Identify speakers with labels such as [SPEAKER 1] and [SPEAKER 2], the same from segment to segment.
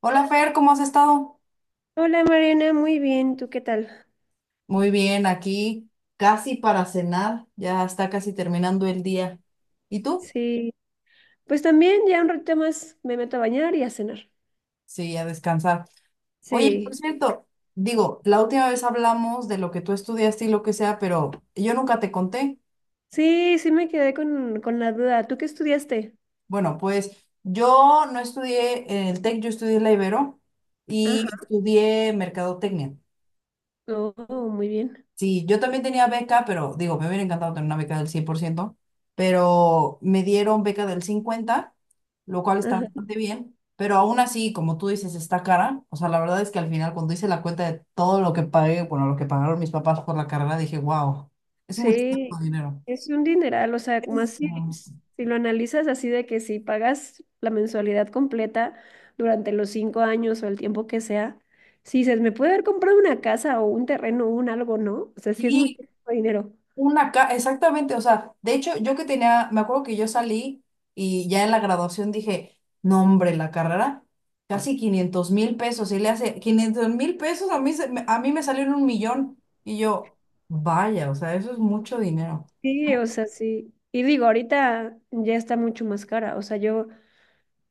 [SPEAKER 1] Hola Fer, ¿cómo has estado?
[SPEAKER 2] Hola Mariana, muy bien, ¿tú qué tal?
[SPEAKER 1] Muy bien, aquí casi para cenar, ya está casi terminando el día. ¿Y tú?
[SPEAKER 2] Sí, pues también ya un ratito más me meto a bañar y a cenar.
[SPEAKER 1] Sí, a descansar. Oye, por
[SPEAKER 2] Sí,
[SPEAKER 1] cierto, digo, la última vez hablamos de lo que tú estudiaste y lo que sea, pero yo nunca te conté.
[SPEAKER 2] sí, sí me quedé con la duda. ¿Tú qué estudiaste?
[SPEAKER 1] Bueno, pues yo no estudié en el TEC, yo estudié en la Ibero y
[SPEAKER 2] Ajá,
[SPEAKER 1] estudié mercadotecnia.
[SPEAKER 2] oh, muy bien.
[SPEAKER 1] Sí, yo también tenía beca, pero digo, me hubiera encantado tener una beca del 100%, pero me dieron beca del 50, lo cual está
[SPEAKER 2] Ajá.
[SPEAKER 1] bastante bien, pero aún así, como tú dices, está cara. O sea, la verdad es que al final, cuando hice la cuenta de todo lo que pagué, bueno, lo que pagaron mis papás por la carrera, dije, wow, es muchísimo
[SPEAKER 2] Sí,
[SPEAKER 1] dinero.
[SPEAKER 2] es un dineral, o sea, como
[SPEAKER 1] Es-
[SPEAKER 2] así, si lo analizas así de que si pagas la mensualidad completa durante los cinco años o el tiempo que sea, sí, se me puede haber comprado una casa o un terreno o un algo, ¿no? O sea, sí es mucho
[SPEAKER 1] Sí.
[SPEAKER 2] dinero.
[SPEAKER 1] Una ca Exactamente, o sea, de hecho, yo que tenía, me acuerdo que yo salí y ya en la graduación dije, no hombre, la carrera, casi 500,000 pesos, y le hace 500,000 pesos, a mí, a mí me salieron 1 millón, y yo, vaya, o sea, eso es mucho dinero.
[SPEAKER 2] Sí, o sea, sí. Y digo, ahorita ya está mucho más cara. O sea, yo,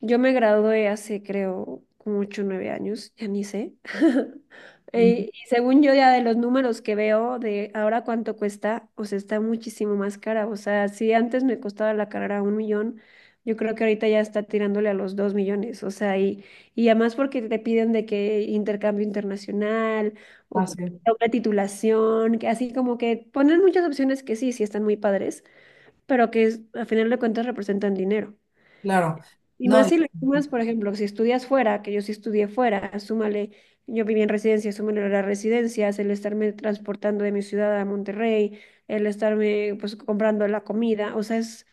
[SPEAKER 2] yo me gradué hace, creo, como 8 o 9 años, ya ni sé.
[SPEAKER 1] Mm.
[SPEAKER 2] Y según yo, ya de los números que veo de ahora cuánto cuesta, o sea, está muchísimo más cara. O sea, si antes me costaba la carrera un millón, yo creo que ahorita ya está tirándole a los dos millones. O sea, y además porque te piden de que intercambio internacional o
[SPEAKER 1] Ah, sí,
[SPEAKER 2] una titulación, que así como que ponen muchas opciones que sí, sí están muy padres, pero que a final de cuentas representan dinero.
[SPEAKER 1] claro.
[SPEAKER 2] Y
[SPEAKER 1] No,
[SPEAKER 2] más si le sumas, por ejemplo, si estudias fuera, que yo sí estudié fuera, súmale, yo viví en residencia, súmale las residencias, el estarme transportando de mi ciudad a Monterrey, el estarme pues comprando la comida, o sea, es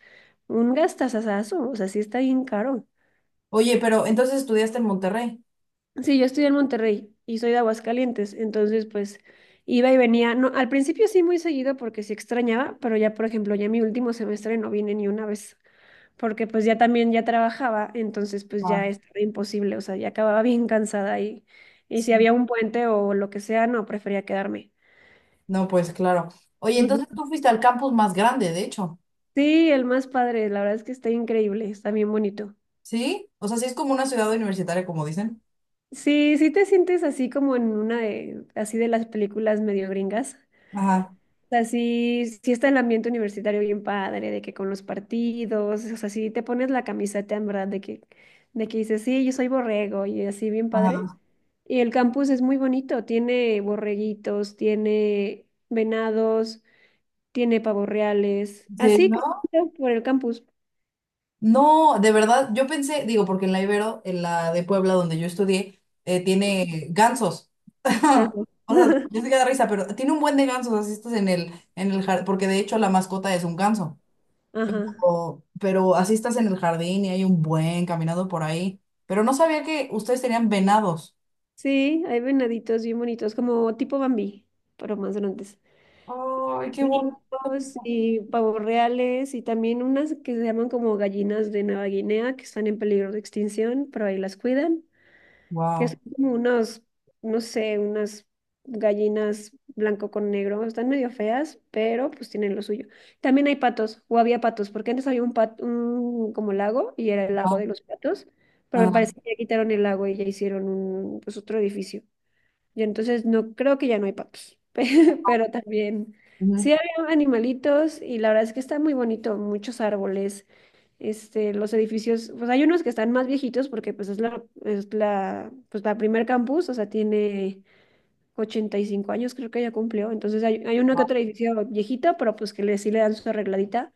[SPEAKER 2] un gastazazazo, o sea, sí está bien caro.
[SPEAKER 1] oye, pero entonces estudiaste en Monterrey.
[SPEAKER 2] Sí, yo estudié en Monterrey y soy de Aguascalientes, entonces pues iba y venía, no, al principio sí muy seguido porque sí extrañaba, pero ya por ejemplo, ya mi último semestre no vine ni una vez. Porque pues ya también ya trabajaba, entonces pues ya
[SPEAKER 1] Ah,
[SPEAKER 2] estaba imposible, o sea, ya acababa bien cansada y si
[SPEAKER 1] sí.
[SPEAKER 2] había un puente o lo que sea, no, prefería quedarme.
[SPEAKER 1] No, pues claro. Oye,
[SPEAKER 2] Ujú.
[SPEAKER 1] entonces tú fuiste al campus más grande, de hecho.
[SPEAKER 2] Sí, el más padre, la verdad es que está increíble, está bien bonito.
[SPEAKER 1] ¿Sí? O sea, sí es como una ciudad universitaria, como dicen.
[SPEAKER 2] Sí, sí te sientes así como en una de, así de las películas medio gringas.
[SPEAKER 1] Ajá,
[SPEAKER 2] O sea, sí, sí está el ambiente universitario bien padre, de que con los partidos, o sea, si te pones la camiseta en verdad de que dices, sí, yo soy borrego y así bien padre.
[SPEAKER 1] ajá.
[SPEAKER 2] Y el campus es muy bonito, tiene borreguitos, tiene venados, tiene pavos reales,
[SPEAKER 1] ¿Sí,
[SPEAKER 2] así
[SPEAKER 1] no?
[SPEAKER 2] caminando por el campus.
[SPEAKER 1] No, de verdad, yo pensé, digo, porque en la Ibero, en la de Puebla donde yo estudié, tiene gansos.
[SPEAKER 2] Ajá.
[SPEAKER 1] O sea, yo sé que da risa, pero tiene un buen de gansos, así estás en el jardín, porque de hecho la mascota es un ganso.
[SPEAKER 2] Ajá.
[SPEAKER 1] Pero así estás en el jardín y hay un buen caminado por ahí. Pero no sabía que ustedes tenían venados.
[SPEAKER 2] Sí, hay venaditos bien bonitos, como tipo Bambi, pero más grandes.
[SPEAKER 1] Ay, qué bonito.
[SPEAKER 2] Ricos y pavos reales y también unas que se llaman como gallinas de Nueva Guinea que están en peligro de extinción, pero ahí las cuidan, que son
[SPEAKER 1] Wow.
[SPEAKER 2] como unos, no sé, unas gallinas blanco con negro, están medio feas, pero pues tienen lo suyo. También hay patos, o había patos, porque antes había un pat un como lago y era el lago
[SPEAKER 1] Ah,
[SPEAKER 2] de los patos, pero me
[SPEAKER 1] ah,
[SPEAKER 2] parece que ya quitaron el lago y ya hicieron un, pues otro edificio. Yo entonces no creo que ya no hay patos, pero también
[SPEAKER 1] ujú,
[SPEAKER 2] sí había animalitos y la verdad es que está muy bonito, muchos árboles, este, los edificios, pues hay unos que están más viejitos porque pues pues la primer campus, o sea, tiene 85 años creo que ya cumplió. Entonces hay uno que otro edificio viejito, pero pues que le, sí le dan su arregladita.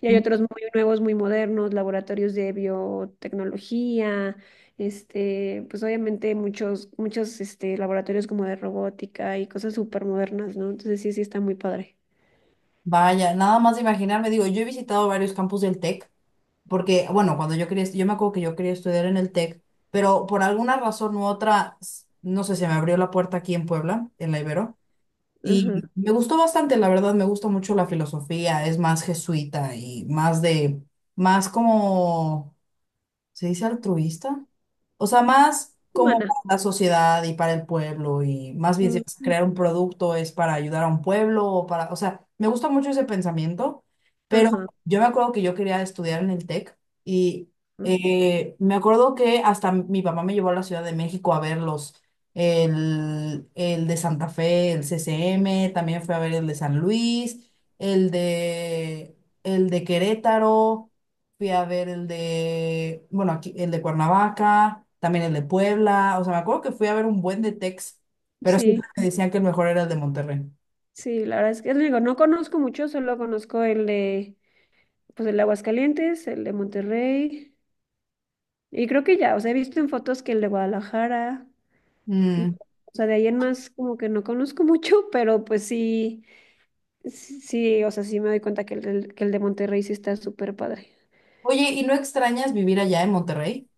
[SPEAKER 2] Y hay
[SPEAKER 1] ujú.
[SPEAKER 2] otros muy nuevos, muy modernos, laboratorios de biotecnología, este, pues obviamente muchos este, laboratorios como de robótica y cosas súper modernas, ¿no? Entonces sí, sí está muy padre.
[SPEAKER 1] Vaya, nada más de imaginarme, digo, yo he visitado varios campus del TEC. Porque, bueno, cuando yo quería, yo me acuerdo que yo quería estudiar en el TEC, pero por alguna razón u otra, no sé, se me abrió la puerta aquí en Puebla, en la Ibero,
[SPEAKER 2] Ajá.
[SPEAKER 1] y me gustó bastante, la verdad, me gusta mucho la filosofía, es más jesuita y más como se dice altruista. O sea, más como
[SPEAKER 2] Humana.
[SPEAKER 1] para la sociedad y para el pueblo y más bien si
[SPEAKER 2] Mm,
[SPEAKER 1] vas a
[SPEAKER 2] mm,
[SPEAKER 1] crear un producto es para ayudar a un pueblo o sea, me gusta mucho ese pensamiento, pero
[SPEAKER 2] ajá,
[SPEAKER 1] yo me acuerdo que yo quería estudiar en el TEC y
[SPEAKER 2] mm.
[SPEAKER 1] me acuerdo que hasta mi papá me llevó a la Ciudad de México a verlos. El de Santa Fe, el CCM, también fue a ver el de San Luis, el de, el de Querétaro. Fui a ver el de, bueno, aquí, el de Cuernavaca, también el de Puebla. O sea, me acuerdo que fui a ver un buen de Tex, pero
[SPEAKER 2] Sí,
[SPEAKER 1] siempre me decían que el mejor era el de Monterrey.
[SPEAKER 2] sí, la verdad es que digo, no conozco mucho, solo conozco el de, pues el de Aguascalientes, el de Monterrey. Y creo que ya, o sea, he visto en fotos que el de Guadalajara, y,
[SPEAKER 1] Mm.
[SPEAKER 2] o sea, de ahí en más como que no conozco mucho, pero pues sí, sí, o sea, sí me doy cuenta que que el de Monterrey sí está súper padre.
[SPEAKER 1] Oye, ¿y no extrañas vivir allá en Monterrey?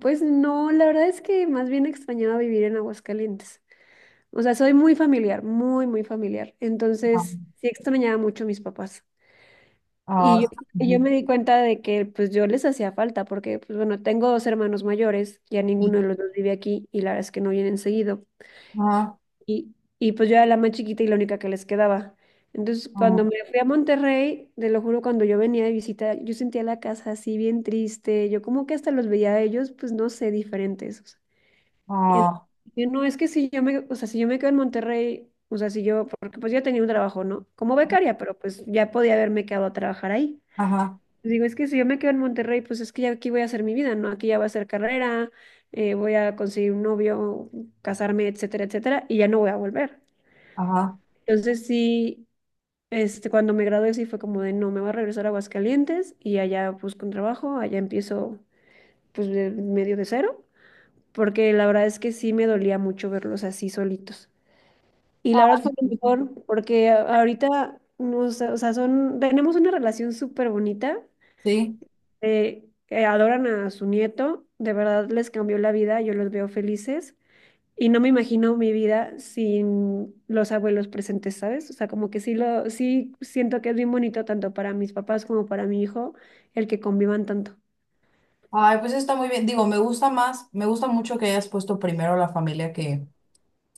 [SPEAKER 2] Pues no, la verdad es que más bien extrañaba vivir en Aguascalientes. O sea, soy muy familiar, muy familiar.
[SPEAKER 1] Ah,
[SPEAKER 2] Entonces, sí extrañaba mucho a mis papás. Y yo,
[SPEAKER 1] ah,
[SPEAKER 2] y
[SPEAKER 1] ujú.
[SPEAKER 2] yo me di cuenta de que pues yo les hacía falta, porque pues bueno, tengo dos hermanos mayores, ya ninguno de los dos vive aquí y la verdad es que no vienen seguido.
[SPEAKER 1] Ah,
[SPEAKER 2] Y pues yo era la más chiquita y la única que les quedaba. Entonces,
[SPEAKER 1] ah,
[SPEAKER 2] cuando me fui a Monterrey, te lo juro, cuando yo venía de visita, yo sentía la casa así bien triste. Yo como que hasta los veía a ellos, pues no sé, diferentes, o sea. En-
[SPEAKER 1] ah,
[SPEAKER 2] yo, no, es que si yo me, o sea, si yo me quedo en Monterrey, o sea, si yo, porque pues yo tenía un trabajo, ¿no? Como becaria, pero pues ya podía haberme quedado a trabajar ahí.
[SPEAKER 1] ajá,
[SPEAKER 2] Digo, es que si yo me quedo en Monterrey, pues es que ya aquí voy a hacer mi vida, ¿no? Aquí ya va a ser carrera, voy a conseguir un novio, casarme, etcétera, etcétera, y ya no voy a volver.
[SPEAKER 1] ajá.
[SPEAKER 2] Entonces sí, este, cuando me gradué sí fue como de no, me voy a regresar a Aguascalientes y allá busco un trabajo, allá empiezo pues medio de cero, porque la verdad es que sí me dolía mucho verlos así solitos. Y
[SPEAKER 1] Ah,
[SPEAKER 2] la verdad fue lo
[SPEAKER 1] sí.
[SPEAKER 2] mejor, porque ahorita, no sé, o sea, son, tenemos una relación súper bonita,
[SPEAKER 1] Sí.
[SPEAKER 2] adoran a su nieto, de verdad les cambió la vida, yo los veo felices. Y no me imagino mi vida sin los abuelos presentes, ¿sabes? O sea, como que sí siento que es bien bonito tanto para mis papás como para mi hijo el que convivan tanto.
[SPEAKER 1] Ay, pues está muy bien. Digo, me gusta mucho que hayas puesto primero la familia,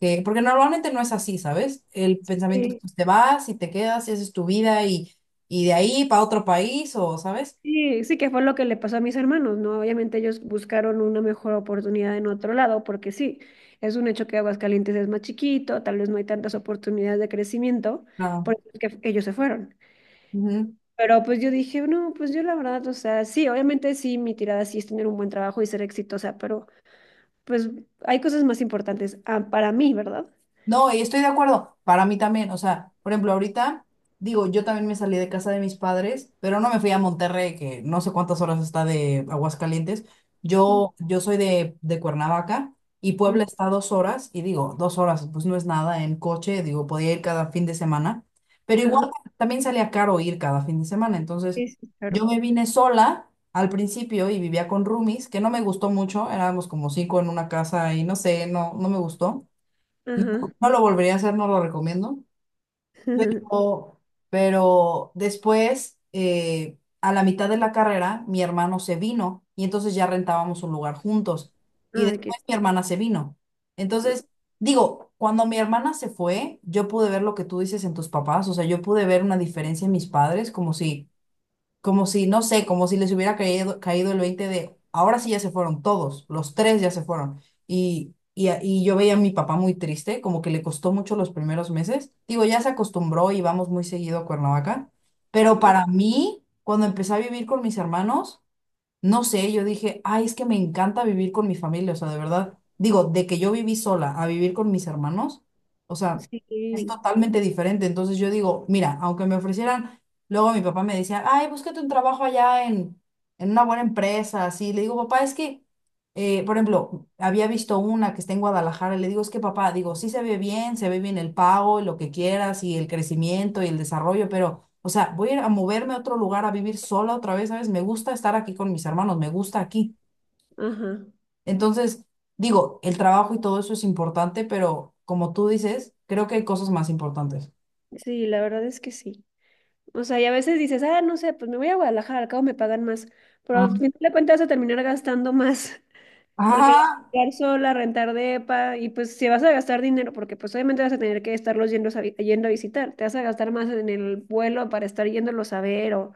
[SPEAKER 1] que porque normalmente no es así, ¿sabes? El pensamiento es,
[SPEAKER 2] Sí,
[SPEAKER 1] pues, te vas y te quedas y haces tu vida y, de ahí para otro país o, ¿sabes?
[SPEAKER 2] sí, sí que fue lo que le pasó a mis hermanos, ¿no? Obviamente ellos buscaron una mejor oportunidad en otro lado, porque sí, es un hecho que Aguascalientes es más chiquito, tal vez no hay tantas oportunidades de crecimiento, por
[SPEAKER 1] Claro.
[SPEAKER 2] eso es que ellos se fueron. Pero pues yo dije, no, pues yo la verdad, o sea, sí, obviamente sí, mi tirada sí es tener un buen trabajo y ser exitosa, pero pues hay cosas más importantes ah, para mí, ¿verdad?
[SPEAKER 1] No, y estoy de acuerdo. Para mí también, o sea, por ejemplo, ahorita, digo, yo también me salí de casa de mis padres, pero no me fui a Monterrey, que no sé cuántas horas está de Aguascalientes.
[SPEAKER 2] Mm,
[SPEAKER 1] Yo soy de Cuernavaca y
[SPEAKER 2] mm,
[SPEAKER 1] Puebla está a 2 horas, y digo, 2 horas, pues no es nada en coche, digo, podía ir cada fin de semana, pero
[SPEAKER 2] ajá,
[SPEAKER 1] igual también salía caro ir cada fin de semana. Entonces,
[SPEAKER 2] sí, sí,
[SPEAKER 1] yo
[SPEAKER 2] claro.
[SPEAKER 1] me vine sola al principio y vivía con roomies, que no me gustó mucho, éramos como cinco en una casa y no sé, no, no me gustó. No,
[SPEAKER 2] Ajá.
[SPEAKER 1] no lo volvería a hacer, no lo recomiendo. O- pero después, a la mitad de la carrera, mi hermano se vino y entonces ya rentábamos un lugar juntos. Y
[SPEAKER 2] Ah, qué-
[SPEAKER 1] después mi hermana se vino. Entonces, digo, cuando mi hermana se fue, yo pude ver lo que tú dices en tus papás, o sea, yo pude ver una diferencia en mis padres, como si, no sé, como si les hubiera caído el 20 de, ahora sí ya se fueron todos, los tres ya se fueron. Y yo veía a mi papá muy triste, como que le costó mucho los primeros meses. Digo, ya se acostumbró y vamos muy seguido a Cuernavaca, pero
[SPEAKER 2] ah,
[SPEAKER 1] para mí, cuando empecé a vivir con mis hermanos, no sé, yo dije, ay, es que me encanta vivir con mi familia, o sea, de verdad, digo, de que yo viví sola a vivir con mis hermanos, o sea, es
[SPEAKER 2] sí,
[SPEAKER 1] totalmente diferente. Entonces yo digo, mira, aunque me ofrecieran, luego mi papá me decía, ay, búscate un trabajo allá en una buena empresa, así. Le digo, papá, es que, por ejemplo, había visto una que está en Guadalajara, y le digo, es que papá, digo, sí se ve bien el pago y lo que quieras y el crecimiento y el desarrollo, pero... O sea, voy a ir a moverme a otro lugar a vivir sola otra vez, ¿sabes? Me gusta estar aquí con mis hermanos, me gusta aquí.
[SPEAKER 2] ajá.
[SPEAKER 1] Entonces, digo, el trabajo y todo eso es importante, pero como tú dices, creo que hay cosas más importantes.
[SPEAKER 2] Sí, la verdad es que sí. O sea, y a veces dices, ah, no sé, pues me voy a Guadalajara, al cabo me pagan más. Pero
[SPEAKER 1] Ajá,
[SPEAKER 2] al final de cuentas vas a terminar gastando más, porque ya vas a
[SPEAKER 1] ajá,
[SPEAKER 2] quedar sola, rentar depa, y pues si vas a gastar dinero, porque pues obviamente vas a tener que estarlos yendo a, yendo a visitar, te vas a gastar más en el vuelo para estar yéndolos a ver o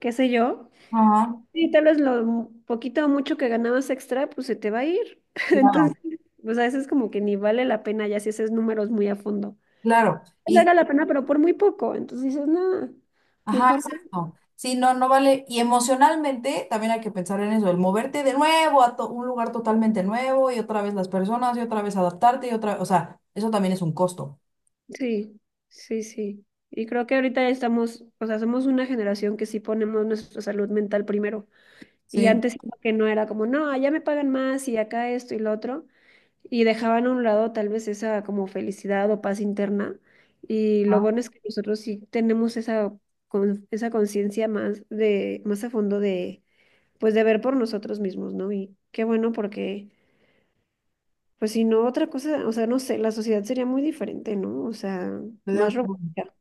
[SPEAKER 2] qué sé yo.
[SPEAKER 1] ajá,
[SPEAKER 2] Sí, tal vez lo poquito o mucho que ganabas extra, pues se te va a ir. Entonces,
[SPEAKER 1] claro,
[SPEAKER 2] pues a veces como que ni vale la pena ya si haces números muy a fondo.
[SPEAKER 1] claro.
[SPEAKER 2] Era la pena, pero por muy poco. Entonces dices, no,
[SPEAKER 1] Ajá,
[SPEAKER 2] mejor. No.
[SPEAKER 1] exacto. Sí, no, no vale. Y emocionalmente también hay que pensar en eso, el moverte de nuevo a un lugar totalmente nuevo y otra vez las personas y otra vez adaptarte y otra, o sea, eso también es un costo.
[SPEAKER 2] Sí, sí. Y creo que ahorita ya estamos, o sea, somos una generación que sí ponemos nuestra salud mental primero. Y
[SPEAKER 1] Sí,
[SPEAKER 2] antes siento que no era como, no, allá me pagan más y acá esto y lo otro. Y dejaban a un lado tal vez esa como felicidad o paz interna. Y lo
[SPEAKER 1] ah,
[SPEAKER 2] bueno es que nosotros sí tenemos esa, esa conciencia más de, más a fondo de, pues de ver por nosotros mismos, ¿no? Y qué bueno porque, pues si no, otra cosa, o sea, no sé, la sociedad sería muy diferente, ¿no? O sea,
[SPEAKER 1] estoy de
[SPEAKER 2] más
[SPEAKER 1] acuerdo.
[SPEAKER 2] robótica.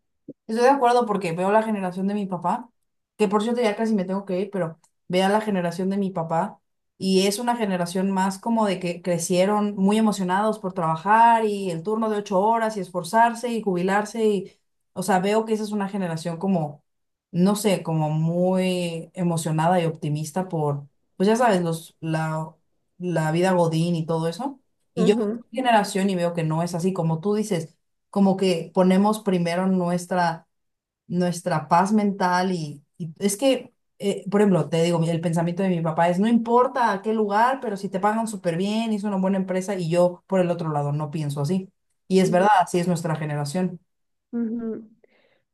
[SPEAKER 1] Estoy de acuerdo porque veo la generación de mi papá, que por cierto ya casi me tengo que ir, pero veo la generación de mi papá y es una generación más como de que crecieron muy emocionados por trabajar y el turno de 8 horas y esforzarse y jubilarse y, o sea, veo que esa es una generación como, no sé, como muy emocionada y optimista por, pues ya sabes, los, la vida Godín y todo eso. Y yo veo
[SPEAKER 2] Ajá.
[SPEAKER 1] mi generación y veo que no es así, como tú dices, como que ponemos primero nuestra paz mental y es que, por ejemplo, te digo, el pensamiento de mi papá es, no importa a qué lugar, pero si te pagan súper bien, es una buena empresa y yo por el otro lado no pienso así. Y es verdad, así es nuestra generación.
[SPEAKER 2] Ujú.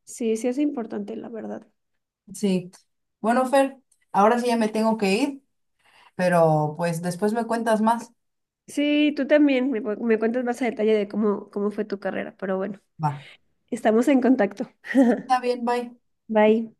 [SPEAKER 2] Sí, sí es importante, la verdad.
[SPEAKER 1] Sí. Bueno, Fer, ahora sí ya me tengo que ir, pero pues después me cuentas más.
[SPEAKER 2] Sí, tú también. Me cuentas más a detalle de cómo, cómo fue tu carrera, pero bueno,
[SPEAKER 1] Va.
[SPEAKER 2] estamos en contacto.
[SPEAKER 1] Sí, está bien, bye.
[SPEAKER 2] Bye.